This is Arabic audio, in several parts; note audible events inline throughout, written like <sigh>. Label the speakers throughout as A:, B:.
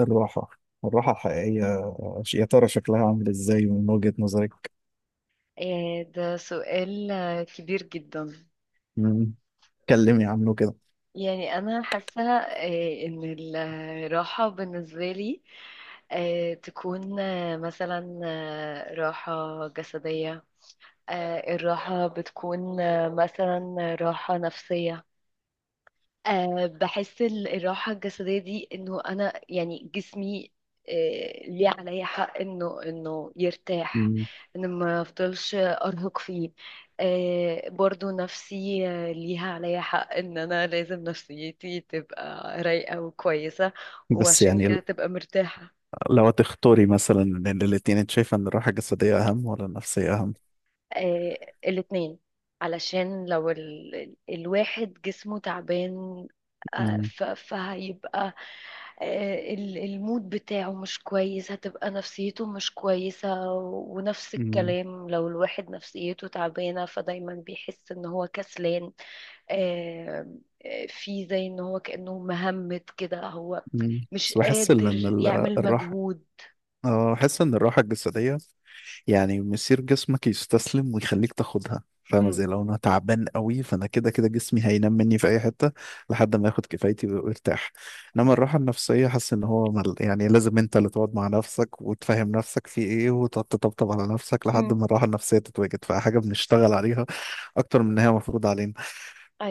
A: الراحة الراحة الحقيقية. يا ترى شكلها عامل ازاي من وجهة نظرك؟
B: ده سؤال كبير جدا.
A: مم. كلمي عنه كده.
B: يعني أنا حاسة إن الراحة بالنسبة لي تكون مثلا راحة جسدية. الراحة بتكون مثلا راحة نفسية. بحس الراحة الجسدية دي انه انا يعني جسمي ليه عليا حق انه يرتاح،
A: مم.
B: ان ما افضلش ارهق فيه. برضو نفسي ليها عليا حق ان انا لازم نفسيتي تبقى رايقة وكويسة،
A: بس
B: وعشان
A: يعني
B: كده تبقى مرتاحة.
A: لو هتختاري مثلا بين الاتنين انت شايفة ان الراحة الجسدية اهم ولا النفسية اهم؟
B: آه الاتنين، علشان لو الواحد جسمه تعبان
A: مم.
B: فهيبقى المود بتاعه مش كويس، هتبقى نفسيته مش كويسة، ونفس
A: مم.
B: الكلام لو الواحد نفسيته تعبانة فدايما بيحس ان هو كسلان. آه في زي ان هو كأنه مهمت كده، هو
A: مم.
B: مش
A: بس بحس ان
B: قادر يعمل
A: الراحة.
B: مجهود.
A: اه بحس ان الراحة الجسدية يعني مسير جسمك يستسلم ويخليك تاخدها، فاهمة؟ زي
B: امم
A: لو انا تعبان قوي فانا كده كده جسمي هينام مني في اي حتة لحد ما ياخد كفايتي وارتاح. انما الراحة النفسية حاسس ان هو يعني لازم انت اللي تقعد مع نفسك وتفهم نفسك في ايه وتقعد تطبطب على نفسك لحد
B: امم
A: ما الراحة النفسية تتواجد، فحاجة بنشتغل عليها اكتر من ان هي مفروض علينا.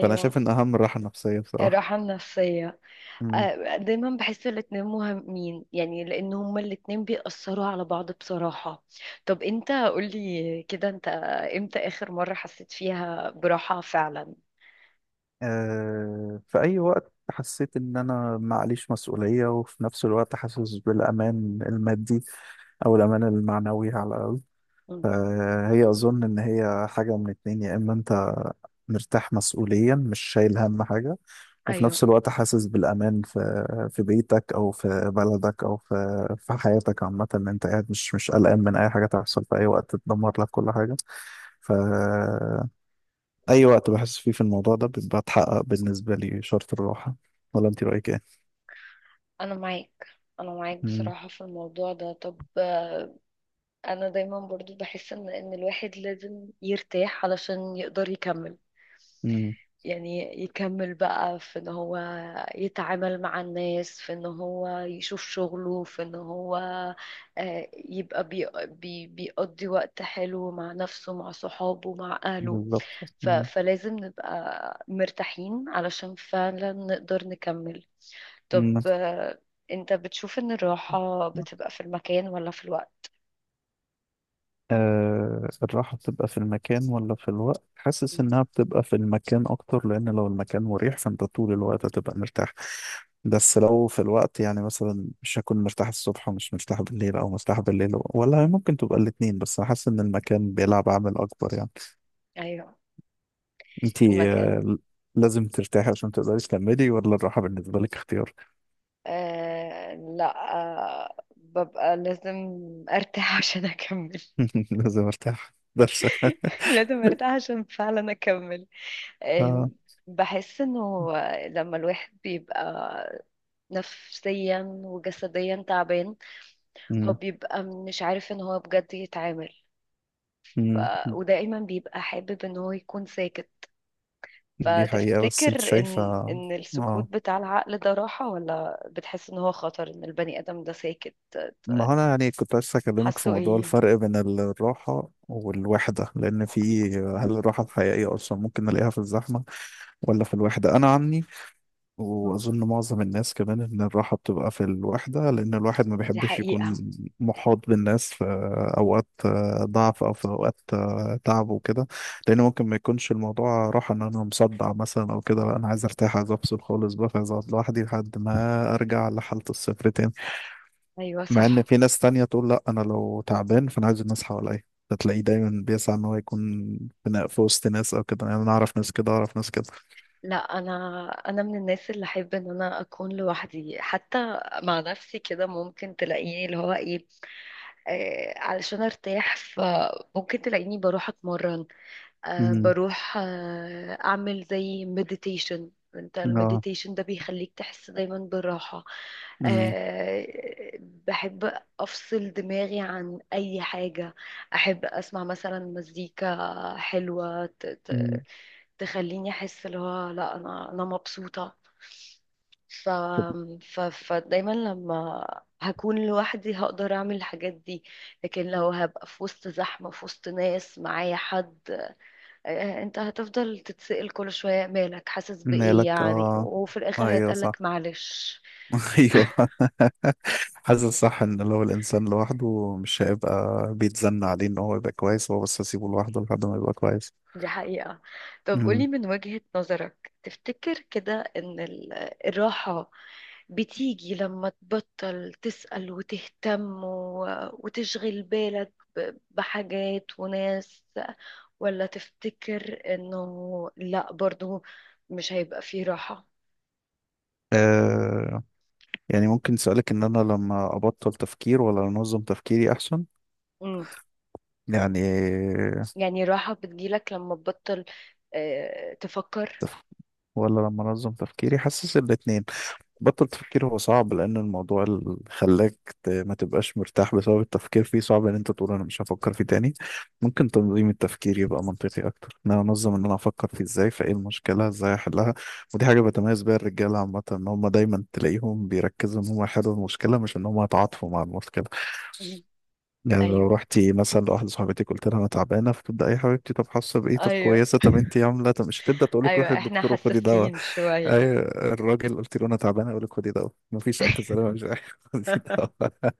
A: فانا شايف ان اهم الراحة النفسية
B: الراحة
A: بصراحة.
B: النفسية.
A: مم.
B: دايما بحس الاتنين مهمين، يعني لان هما الاتنين بيأثروا على بعض بصراحة. طب انت قولي كده، انت امتى اخر مرة حسيت فيها براحة فعلا؟
A: آه، في أي وقت حسيت إن أنا معليش مسؤولية وفي نفس الوقت حاسس بالأمان المادي أو الأمان المعنوي على الأقل.
B: مم.
A: فهي أظن إن هي حاجة من اتنين، يا إما أنت مرتاح مسؤوليا مش شايل هم حاجة وفي
B: ايوه،
A: نفس الوقت حاسس بالأمان في في بيتك أو في بلدك أو في في حياتك عامة إن أنت قاعد مش قلقان من أي حاجة تحصل في أي وقت تدمر لك كل حاجة. ف أي وقت بحس فيه في الموضوع ده بيبقى اتحقق بالنسبة لي شرط الراحة. ولا أنت رأيك إيه؟
B: انا معاك انا معاك
A: مم.
B: بصراحة في الموضوع ده. طب انا دايما برضو بحس ان الواحد لازم يرتاح علشان يقدر يكمل.
A: مم.
B: يعني يكمل بقى في ان هو يتعامل مع الناس، في ان هو يشوف شغله، في ان هو يبقى بي بي بيقضي وقت حلو مع نفسه، مع صحابه، مع اهله.
A: بالظبط. مم.
B: فلازم نبقى مرتاحين علشان فعلا نقدر نكمل. طب
A: مم.
B: انت بتشوف ان الراحة بتبقى في المكان ولا في الوقت؟
A: آه، الراحة بتبقى في المكان ولا في الوقت؟ حاسس إنها بتبقى في المكان أكتر، لأن لو المكان مريح فأنت طول الوقت هتبقى مرتاح. بس لو في الوقت يعني مثلا مش هكون مرتاح الصبح ومش مرتاح بالليل أو مرتاح بالليل ولا ممكن تبقى الاتنين، بس أنا حاسس إن المكان بيلعب عامل أكبر يعني.
B: ايوه، في
A: أنتي
B: المكان.
A: آه لازم ترتاحي عشان تقدري تكملي ولا الراحة بالنسبة لك اختيار؟
B: لا، ببقى لازم ارتاح <laughs> عشان اكمل.
A: <laughs> لازم أرتاح درس <laughs>
B: لازم ارتاح عشان فعلا اكمل. آه
A: آه.
B: بحس انه لما الواحد بيبقى نفسيا وجسديا تعبان، هو
A: مم.
B: بيبقى مش عارف ان هو بجد يتعامل. ف...
A: مم.
B: ودائما بيبقى حابب ان هو يكون ساكت.
A: دي حقيقة بس أنت
B: فتفتكر
A: شايفة.
B: ان السكوت
A: آه
B: بتاع العقل ده راحة، ولا بتحس ان هو خطر ان البني ادم ده ساكت؟
A: ما هو انا يعني كنت عايز اكلمك في
B: حاسه
A: موضوع
B: ايه؟
A: الفرق بين الراحة والوحدة، لان في هل الراحة الحقيقية اصلا ممكن نلاقيها في الزحمة ولا في الوحدة؟ انا عني واظن معظم الناس كمان ان الراحة بتبقى في الوحدة، لان الواحد ما
B: دي
A: بيحبش يكون
B: حقيقة.
A: محاط بالناس في اوقات ضعف او في اوقات تعب وكده. لان ممكن ما يكونش الموضوع راحة ان انا مصدع مثلا او كده، لا انا عايز ارتاح عايز افصل خالص بقى فعايز اقعد لوحدي لحد ما ارجع لحالة الصفر تاني.
B: أيوة
A: مع ان
B: صح.
A: في ناس تانية تقول لا انا لو تعبان فانا عايز الناس حواليا، فتلاقيه دايما بيسعى ان هو يكون في في وسط ناس او كده. يعني انا اعرف ناس كده اعرف ناس كده.
B: لا، أنا من الناس اللي أحب إن أنا أكون لوحدي، حتى مع نفسي كده. ممكن تلاقيني اللي هو إيه، علشان أرتاح. فممكن تلاقيني بروح أتمرن،
A: امم.
B: بروح أعمل زي مديتيشن. انت
A: اه.
B: المديتيشن ده بيخليك تحس دايما بالراحة.
A: امم.
B: بحب أفصل دماغي عن أي حاجة. أحب أسمع مثلا مزيكا حلوة
A: أمم.
B: تخليني أحس اللي هو لا، أنا مبسوطة. ف... فدايما لما هكون لوحدي هقدر اعمل الحاجات دي، لكن لو هبقى في وسط زحمة، في وسط ناس معايا حد، انت هتفضل تتسأل كل شوية مالك، حاسس بإيه
A: مالك،
B: يعني،
A: اه.
B: وفي الآخر
A: ايوه صح.
B: هيتقالك معلش.
A: <laughs> ايوه. حاسس صح ان لو الانسان لوحده مش هيبقى بيتزن عليه ان هو يبقى كويس، هو بس اسيبه لوحده لحد ما يبقى كويس.
B: دي حقيقة. طب قولي
A: امم.
B: من وجهة نظرك، تفتكر كده ان الراحة بتيجي لما تبطل تسأل وتهتم وتشغل بالك بحاجات وناس، ولا تفتكر انه لا، برضو مش هيبقى فيه راحة؟
A: آه، يعني ممكن سؤالك ان انا لما ابطل تفكير ولا انظم تفكيري احسن؟
B: مم.
A: يعني
B: يعني راحة بتجيلك لما تبطل تفكر؟
A: تف... ولا لما انظم تفكيري؟ حاسس الاتنين. بطل تفكير هو صعب، لان الموضوع اللي خلاك ما تبقاش مرتاح بسبب التفكير فيه صعب ان انت تقول انا مش هفكر فيه تاني. ممكن تنظيم التفكير يبقى منطقي اكتر، ان انا انظم ان انا افكر فيه ازاي، فايه المشكله، ازاي احلها. ودي حاجه بتميز بيها الرجاله عامه، ان هم دايما تلاقيهم بيركزوا ان هم يحلوا المشكله مش ان هم يتعاطفوا مع المشكله.
B: مم.
A: يعني لو
B: ايوه،
A: رحتي مثلا لواحده صاحبتي قلت لها انا تعبانه، فتبدا اي حبيبتي طب حاسه بايه طب
B: ايوه،
A: كويسه طب انت عامله طب، مش هتبدا تقول لك روحي
B: ايوه، احنا
A: الدكتور وخدي دواء.
B: حساسين شوية.
A: ايوه، الراجل قلت له انا تعبان اقول لك خدي دواء مفيش الف سلامه مش عارف <laughs> خدي
B: <laughs>
A: دواء.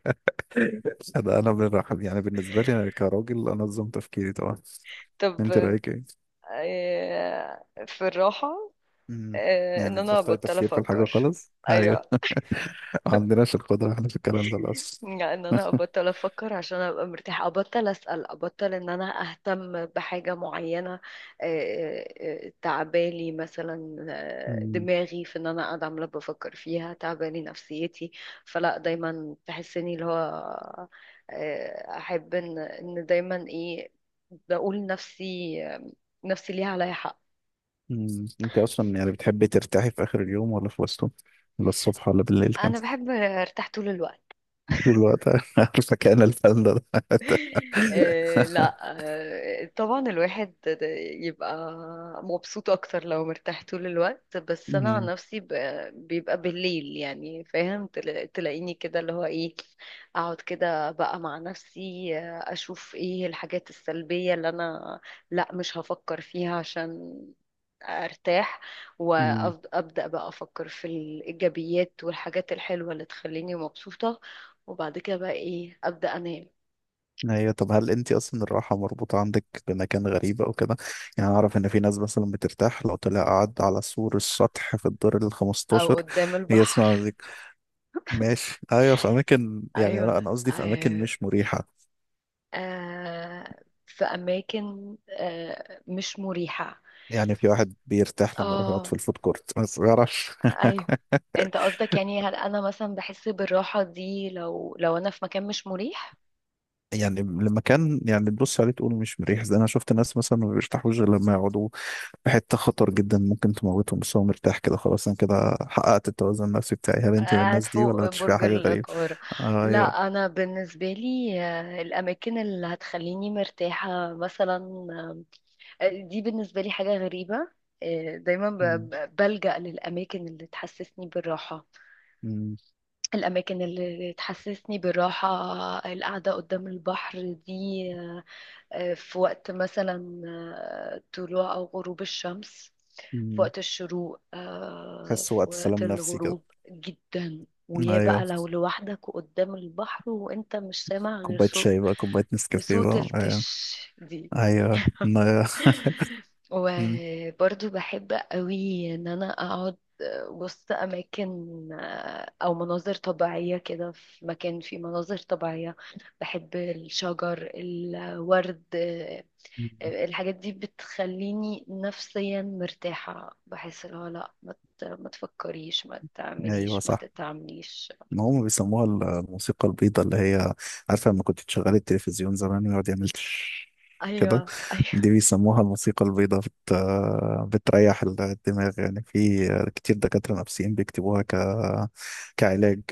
A: انا بالرحم يعني بالنسبه لي انا كراجل انظم تفكيري طبعا.
B: طب
A: انت رايك ايه؟
B: في الراحة،
A: امم.
B: ان
A: يعني
B: انا
A: تبطلي
B: بطل
A: تفكير في الحاجه
B: افكر.
A: خالص، ايوه.
B: ايوه،
A: ما عندناش القدره احنا في الكلام ده اصلا.
B: يعني ان انا ابطل افكر عشان ابقى مرتاحه، ابطل اسال، ابطل ان انا اهتم بحاجه معينه. آه، تعبالي مثلا
A: امم.
B: دماغي في ان انا قاعده عماله بفكر فيها، تعبالي نفسيتي. فلا دايما تحسني اللي هو احب ان دايما ايه. بقول نفسي نفسي ليها عليا حق.
A: أمم. انت اصلا يعني بتحبي ترتاحي في اخر اليوم ولا في وسطه؟ ولا الصبح ولا بالليل كان؟
B: انا بحب ارتاح طول الوقت.
A: طول الوقت؟ <laughs> عارفه كان الفن ده <laughs>
B: لا، طبعا الواحد يبقى مبسوط اكتر لو مرتاح طول الوقت. بس انا عن
A: أمم.
B: نفسي بيبقى بالليل، يعني فاهم، تلاقيني كده اللي هو ايه، اقعد كده بقى مع نفسي اشوف ايه الحاجات السلبية اللي انا، لا مش هفكر فيها عشان ارتاح،
A: أمم.
B: وابدا بقى افكر في الايجابيات والحاجات الحلوة اللي تخليني مبسوطة. وبعد كده بقى ايه، ابدا انام.
A: ايوه، طب هل انت اصلا الراحه مربوطه عندك بمكان غريب او كده؟ يعني اعرف ان في ناس مثلا بترتاح لو طلع قعد على سور السطح في الدور ال
B: او
A: 15
B: قدام البحر.
A: يسمع مزيكا ماشي. ايوه في اماكن يعني، لا،
B: ايوه.
A: انا قصدي في اماكن
B: آه
A: مش مريحه.
B: آه في اماكن مش مريحه.
A: يعني في واحد بيرتاح لما يروح يقعد في
B: اه،
A: الفود كورت بس ما يعرفش
B: ايوه،
A: <laughs>
B: انت قصدك يعني هل انا مثلا بحس بالراحه دي لو انا في مكان مش مريح؟
A: يعني المكان يعني تبص عليه تقول مش مريح، زي انا شفت ناس مثلا ما بيرتاحوش غير لما يقعدوا في حته خطر جدا ممكن تموتهم، بس هو مرتاح كده خلاص انا كده حققت التوازن النفسي بتاعي. هل انت من
B: قاعد
A: الناس دي ولا
B: فوق
A: بتشوفيها
B: برج
A: حاجه غريبه؟
B: القاهره.
A: ايوه.
B: لا، انا بالنسبه لي الاماكن اللي هتخليني مرتاحه مثلا، دي بالنسبه لي حاجه غريبه. دايما
A: مم.
B: بلجأ للاماكن اللي تحسسني بالراحه،
A: مم.
B: الأماكن اللي تحسسني بالراحة، القعدة قدام البحر دي، آه، في وقت مثلا طلوع أو غروب الشمس، في
A: مم.
B: وقت الشروق،
A: حس
B: في
A: وقت
B: وقت
A: سلام نفسي كده.
B: الغروب. جدا، ويا بقى
A: ايوه
B: لو لوحدك وقدام البحر، وانت مش سامع غير
A: كوبايه
B: صوت،
A: شاي بقى، كوبايه نسكافيه
B: صوت
A: بقى، ايوه.
B: التش دي.
A: ايوه، ما- <laughs> مم.
B: وبرضو بحب قوي ان انا اقعد وسط اماكن او مناظر طبيعية كده، في مكان فيه مناظر طبيعية. بحب الشجر، الورد،
A: مم.
B: الحاجات دي بتخليني نفسيا مرتاحة. بحس اللي هو لا، ما تفكريش، ما
A: ايوه
B: تعمليش، ما
A: صح.
B: تتعمليش.
A: ما هم بيسموها الموسيقى البيضاء اللي هي، عارفه لما كنت تشغلي التلفزيون زمان ويقعد يعمل تش كده؟
B: ايوه،
A: دي
B: ايوه،
A: بيسموها الموسيقى البيضاء، بتريح الدماغ. يعني في كتير دكاتره نفسيين بيكتبوها كعلاج.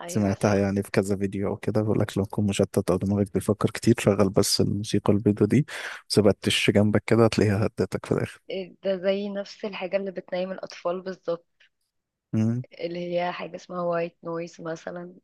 B: ايوه،
A: سمعتها
B: صح.
A: يعني في كذا فيديو او كده بيقول لك لو تكون مشتت او دماغك بيفكر كتير شغل بس الموسيقى البيضة دي ما سيبتش جنبك كده، هتلاقيها هدتك في الاخر.
B: إيه ده زي نفس الحاجة اللي بتنيم الأطفال بالظبط، اللي هي حاجة اسمها وايت نويز مثلا.